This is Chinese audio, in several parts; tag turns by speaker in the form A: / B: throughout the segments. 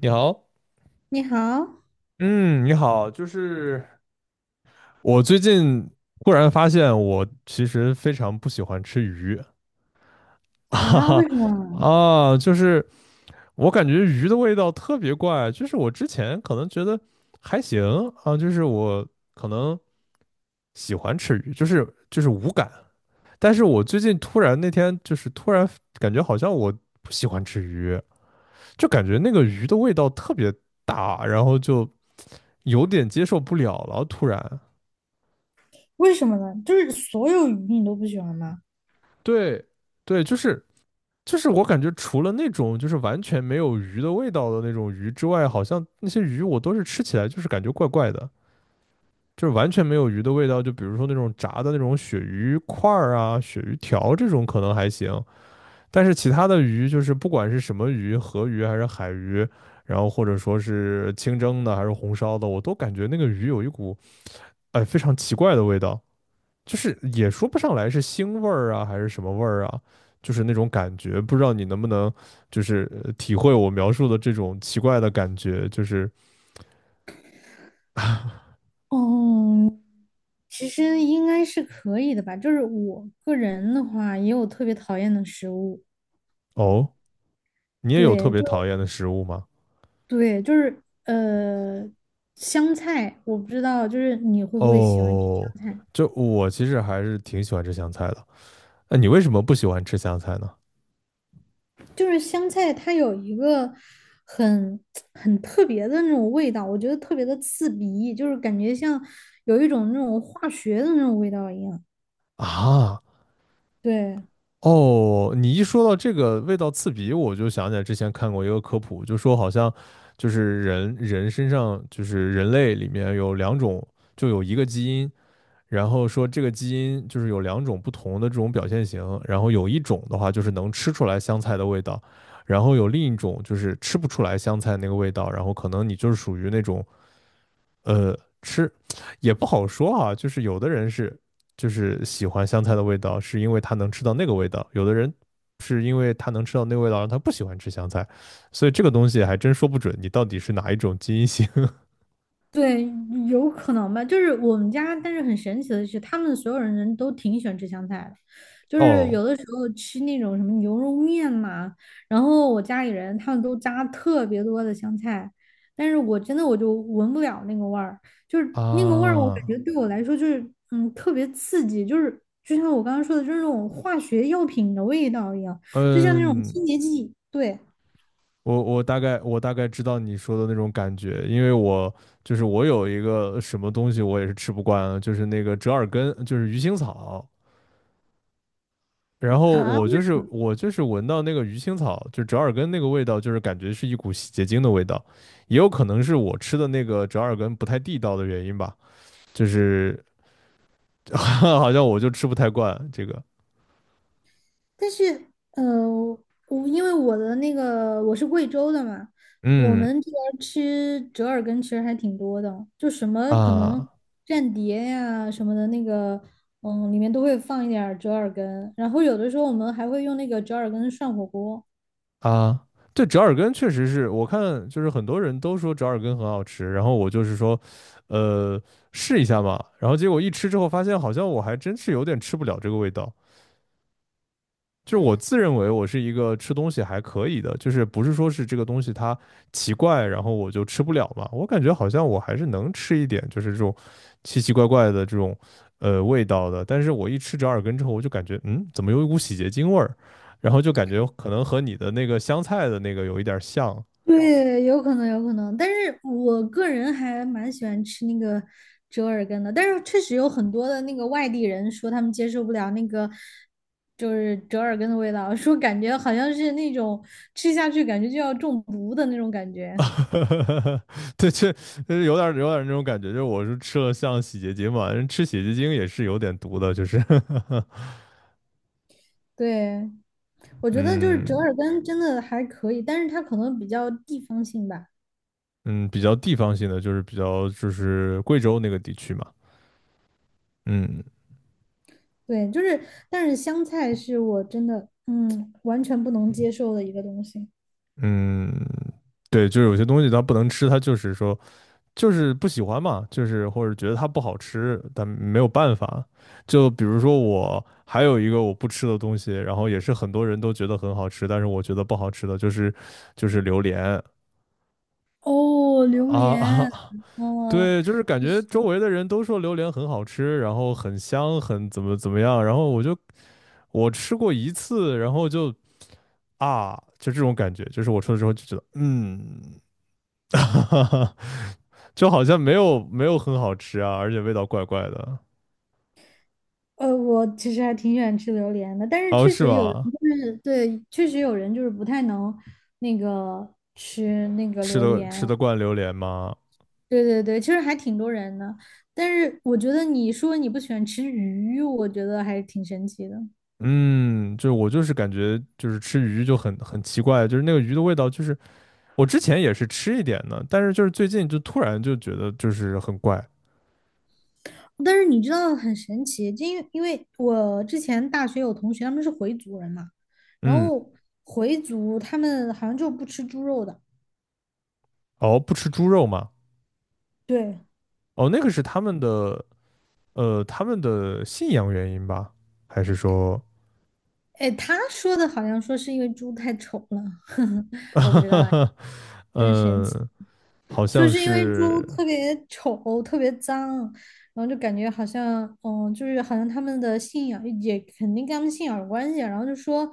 A: 你好。
B: 你好。
A: 嗯，你好，我最近忽然发现，我其实非常不喜欢吃鱼。哈
B: 啊？
A: 哈
B: 为什么？
A: 啊，就是我感觉鱼的味道特别怪，就是我之前可能觉得还行。啊，就是我可能喜欢吃鱼，就是无感。但是我最近突然那天突然感觉好像我不喜欢吃鱼，就感觉那个鱼的味道特别大，然后就。有点接受不了了，突然。
B: 为什么呢？就是所有鱼你都不喜欢吗？
A: 对对，就是我感觉除了那种就是完全没有鱼的味道的那种鱼之外，好像那些鱼我都是吃起来就是感觉怪怪的，就是完全没有鱼的味道。就比如说那种炸的那种鳕鱼块儿啊、鳕鱼条这种可能还行，但是其他的鱼就是不管是什么鱼，河鱼还是海鱼，然后或者说是清蒸的还是红烧的，我都感觉那个鱼有一股非常奇怪的味道。就是也说不上来是腥味儿啊，还是什么味儿啊，就是那种感觉，不知道你能不能体会我描述的这种奇怪的感觉。
B: 嗯，其实应该是可以的吧。就是我个人的话，也有特别讨厌的食物。
A: 哦，你也有特
B: 对，
A: 别
B: 就
A: 讨厌的食物吗？
B: 对,就是呃，香菜，我不知道，就是你会不会喜欢吃
A: 哦，
B: 香菜？
A: 就我其实还是挺喜欢吃香菜的。那你为什么不喜欢吃香菜呢？
B: 就是香菜它有一个很很特别的那种味道，我觉得特别的刺鼻，就是感觉像有一种那种化学的那种味道一样。
A: 啊，
B: 对。
A: 哦，你一说到这个味道刺鼻，我就想起来之前看过一个科普，就说好像人人身上就是人类里面有两种，就有一个基因。然后说这个基因就是有两种不同的这种表现型，然后有一种的话就是能吃出来香菜的味道，然后有另一种就是吃不出来香菜那个味道，然后可能你就是属于那种呃吃也不好说啊。就是有的人是喜欢香菜的味道，是因为他能吃到那个味道；有的人是因为他能吃到那个味道，让他不喜欢吃香菜。所以这个东西还真说不准你到底是哪一种基因型。
B: 对，有可能吧。就是我们家，但是很神奇的是，他们所有人都挺喜欢吃香菜的。就 是
A: 哦。
B: 有的时候吃那种什么牛肉面嘛，然后我家里人他们都加特别多的香菜，但是我真的就闻不了那个味儿，就是那个味儿，我感
A: 啊。
B: 觉对我来说就是嗯特别刺激，就是就像我刚刚说的，就是那种化学药品的味道一样，就像那种清
A: 嗯。
B: 洁剂。对。
A: 我大概知道你说的那种感觉，因为我就是我有一个什么东西我也是吃不惯啊，就是那个折耳根，就是鱼腥草。然后
B: 啊。
A: 我就是闻到那个鱼腥草，就折耳根那个味道，就是感觉是一股洗洁精的味道。也有可能是我吃的那个折耳根不太地道的原因吧，就是 好像我就吃不太惯这个。
B: 但是，呃，我因为我是贵州的嘛，我
A: 嗯。
B: 们这边儿吃折耳根其实还挺多的，就什么可能
A: 啊。
B: 蘸碟呀什么的那个，嗯，里面都会放一点儿折耳根，然后有的时候我们还会用那个折耳根涮火锅。
A: 啊，对，折耳根确实是我看，就是很多人都说折耳根很好吃，然后我就是说，呃，试一下嘛。然后结果一吃之后发现，好像我还真是有点吃不了这个味道。就是我自认为我是一个吃东西还可以的，就是不是说是这个东西它奇怪然后我就吃不了嘛。我感觉好像我还是能吃一点，就是这种奇奇怪怪的这种味道的。但是我一吃折耳根之后，我就感觉嗯，怎么有一股洗洁精味儿？然后就感觉可能和你的那个香菜的那个有一点像。
B: 对，有可能，有可能，但是我个人还蛮喜欢吃那个折耳根的，但是确实有很多的那个外地人说他们接受不了那个就是折耳根的味道，说感觉好像是那种吃下去感觉就要中毒的那种感觉。
A: 对，这就是有点那种感觉，就是我是吃了像洗洁精嘛，人吃洗洁精也是有点毒的，就是。
B: 对，我 觉得就是折
A: 嗯。
B: 耳根真的还可以，但是它可能比较地方性吧。
A: 嗯，比较地方性的，就是比较贵州那个地区嘛。嗯。
B: 对，就是，但是香菜是我真的嗯完全不能接受的一个东西。
A: 嗯，对，就是有些东西它不能吃，它就是说不喜欢嘛，或者觉得它不好吃，但没有办法。就比如说我还有一个我不吃的东西，然后也是很多人都觉得很好吃，但是我觉得不好吃的就是榴莲。
B: 哦，榴
A: 啊啊。
B: 莲，嗯，
A: 对，就是感
B: 就
A: 觉
B: 是。
A: 周围的人都说榴莲很好吃，然后很香，很怎么怎么样，然后我吃过一次，然后就就这种感觉，就是我吃了之后就觉得，嗯，就好像没有很好吃啊，而且味道怪怪的。
B: 我其实还挺喜欢吃榴莲的，但是
A: 哦，
B: 确
A: 是
B: 实有人
A: 吗？
B: 就是对，确实有人就是不太能那个吃那个
A: 吃
B: 榴
A: 的
B: 莲。
A: 吃得惯榴莲吗？
B: 对对对，其实还挺多人的，但是我觉得你说你不喜欢吃鱼，我觉得还是挺神奇的。
A: 嗯，就是感觉就是吃鱼就很奇怪，就是那个鱼的味道，我之前也是吃一点的，但是就是最近就突然就觉得就是很怪。
B: 但是你知道很神奇，就因为我之前大学有同学他们是回族人嘛，然
A: 嗯。
B: 后回族他们好像就不吃猪肉的。
A: 哦，不吃猪肉吗？
B: 对，
A: 哦，那个是他们的他们的信仰原因吧？还是说
B: 哎，他说的好像说是因为猪太丑了。我不知道哎，就很神奇，
A: 嗯，好
B: 说
A: 像
B: 是因为猪
A: 是。
B: 特别丑，特别脏，然后就感觉好像，嗯，就是好像他们的信仰也肯定跟他们信仰有关系啊，然后就说，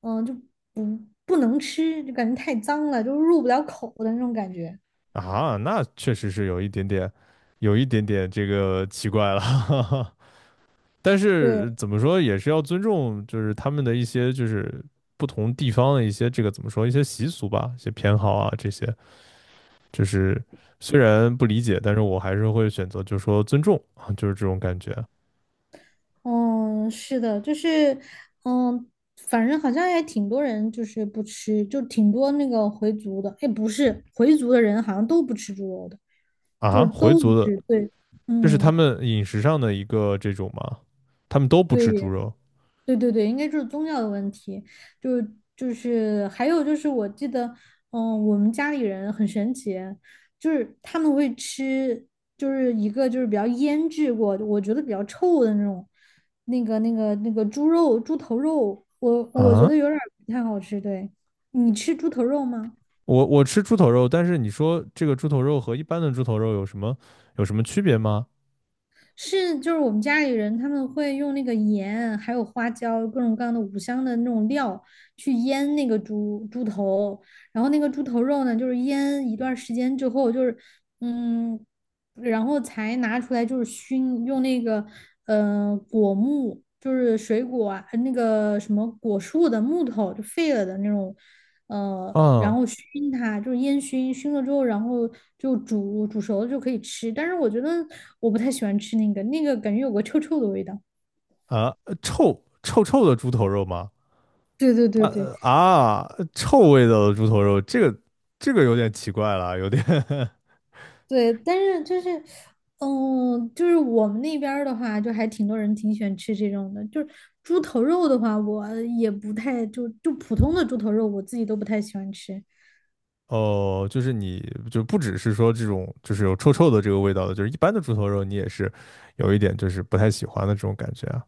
B: 嗯，就不不能吃，就感觉太脏了，就入不了口的那种感觉。
A: 啊，那确实是有一点点，有一点点这个奇怪了。但
B: 对，
A: 是怎么说，也是要尊重，就是他们的一些不同地方的一些这个怎么说一些习俗吧，一些偏好啊这些。就是虽然不理解，但是我还是会选择就是说尊重啊，就是这种感觉。
B: 嗯，是的，就是，嗯，反正好像也挺多人就是不吃，就挺多那个回族的，哎，不是，回族的人好像都不吃猪肉的，就
A: 啊。
B: 是
A: 回
B: 都不
A: 族的，
B: 吃，对，
A: 这是他
B: 嗯，
A: 们饮食上的一个这种吗？他们都不吃猪
B: 对，
A: 肉
B: 对对对，应该就是宗教的问题，就是还有就是我记得，嗯，我们家里人很神奇，就是他们会吃，就是一个就是比较腌制过，我觉得比较臭的那种，那个猪肉、猪头肉，我觉
A: 啊？
B: 得有点儿不太好吃。对，你吃猪头肉吗？
A: 我吃猪头肉，但是你说这个猪头肉和一般的猪头肉有什么区别吗？
B: 是，就是我们家里人他们会用那个盐，还有花椒，各种各样的五香的那种料去腌那个猪猪头，然后那个猪头肉呢，就是腌一段时间之后，就是嗯，然后才拿出来就是熏，用那个果木，就是水果啊，那个什么果树的木头就废了的那种，然
A: 啊
B: 后熏它，就是烟熏，熏了之后，然后就煮熟了就可以吃。但是我觉得我不太喜欢吃那个，那个感觉有个臭臭的味道。
A: 啊。臭臭的猪头肉吗？
B: 对对
A: 啊
B: 对对，
A: 呃啊，臭味道的猪头肉，这个有点奇怪了，有点
B: 对，但是就是，嗯，就是我们那边儿的话，就还挺多人挺喜欢吃这种的。就是猪头肉的话，我也不太,就普通的猪头肉，我自己都不太喜欢吃。
A: 哦，就是你就不只是说这种就是有臭臭的这个味道的，就是一般的猪头肉你也是有一点就是不太喜欢的这种感觉啊。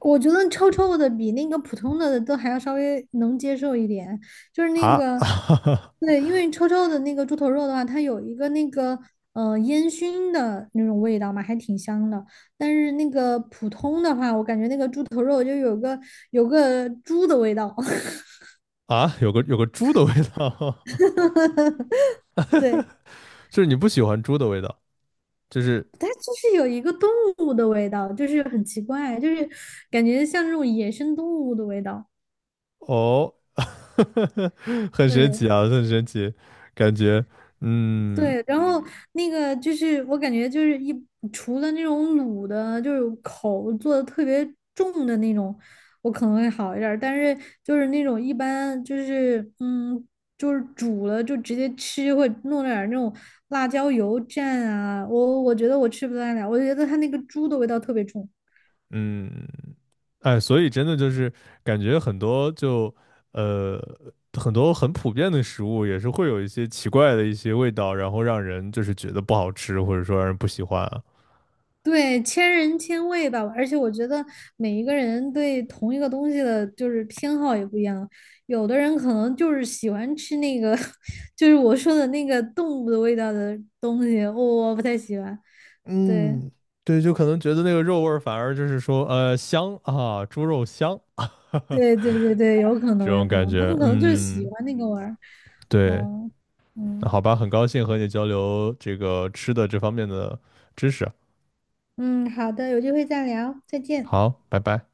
B: 我觉得臭臭的比那个普通的都还要稍微能接受一点。就是那个，
A: 啊
B: 对，因为臭臭的那个猪头肉的话，它有一个那个烟熏的那种味道嘛，还挺香的。但是那个普通的话，我感觉那个猪头肉就有个猪的味道。
A: 啊，有个猪的味道。
B: 对，
A: 就是你不喜欢猪的味道，就是
B: 它就是有一个动物的味道，就是很奇怪，就是感觉像那种野生动物的味道。
A: 哦。很神奇
B: 对
A: 啊，很神奇，感觉，嗯。
B: 对，然后那个就是我感觉就是一除了那种卤的，就是口做的特别重的那种，我可能会好一点儿。但是就是那种一般就是嗯，就是煮了就直接吃，会弄点儿那种辣椒油蘸啊，我觉得我吃不太了，我觉得它那个猪的味道特别重。
A: 嗯。哎，所以真的就是感觉很多呃很多很普遍的食物也是会有一些奇怪的一些味道，然后让人就是觉得不好吃，或者说让人不喜欢啊。
B: 对，千人千味吧，而且我觉得每一个人对同一个东西的，就是偏好也不一样。有的人可能就是喜欢吃那个，就是我说的那个动物的味道的东西，我不太喜欢。对，
A: 嗯，对，就可能觉得那个肉味儿反而就是说香啊，猪肉香。
B: 对，对，对，对，有可
A: 这
B: 能，有
A: 种
B: 可
A: 感
B: 能，他
A: 觉。
B: 们可能就是喜
A: 嗯。
B: 欢那个味儿。
A: 对。
B: 哦，
A: 那
B: 嗯
A: 好吧，很高兴和你交流这个吃的这方面的知识。
B: 嗯，好的，有机会再聊，再见。
A: 好，拜拜。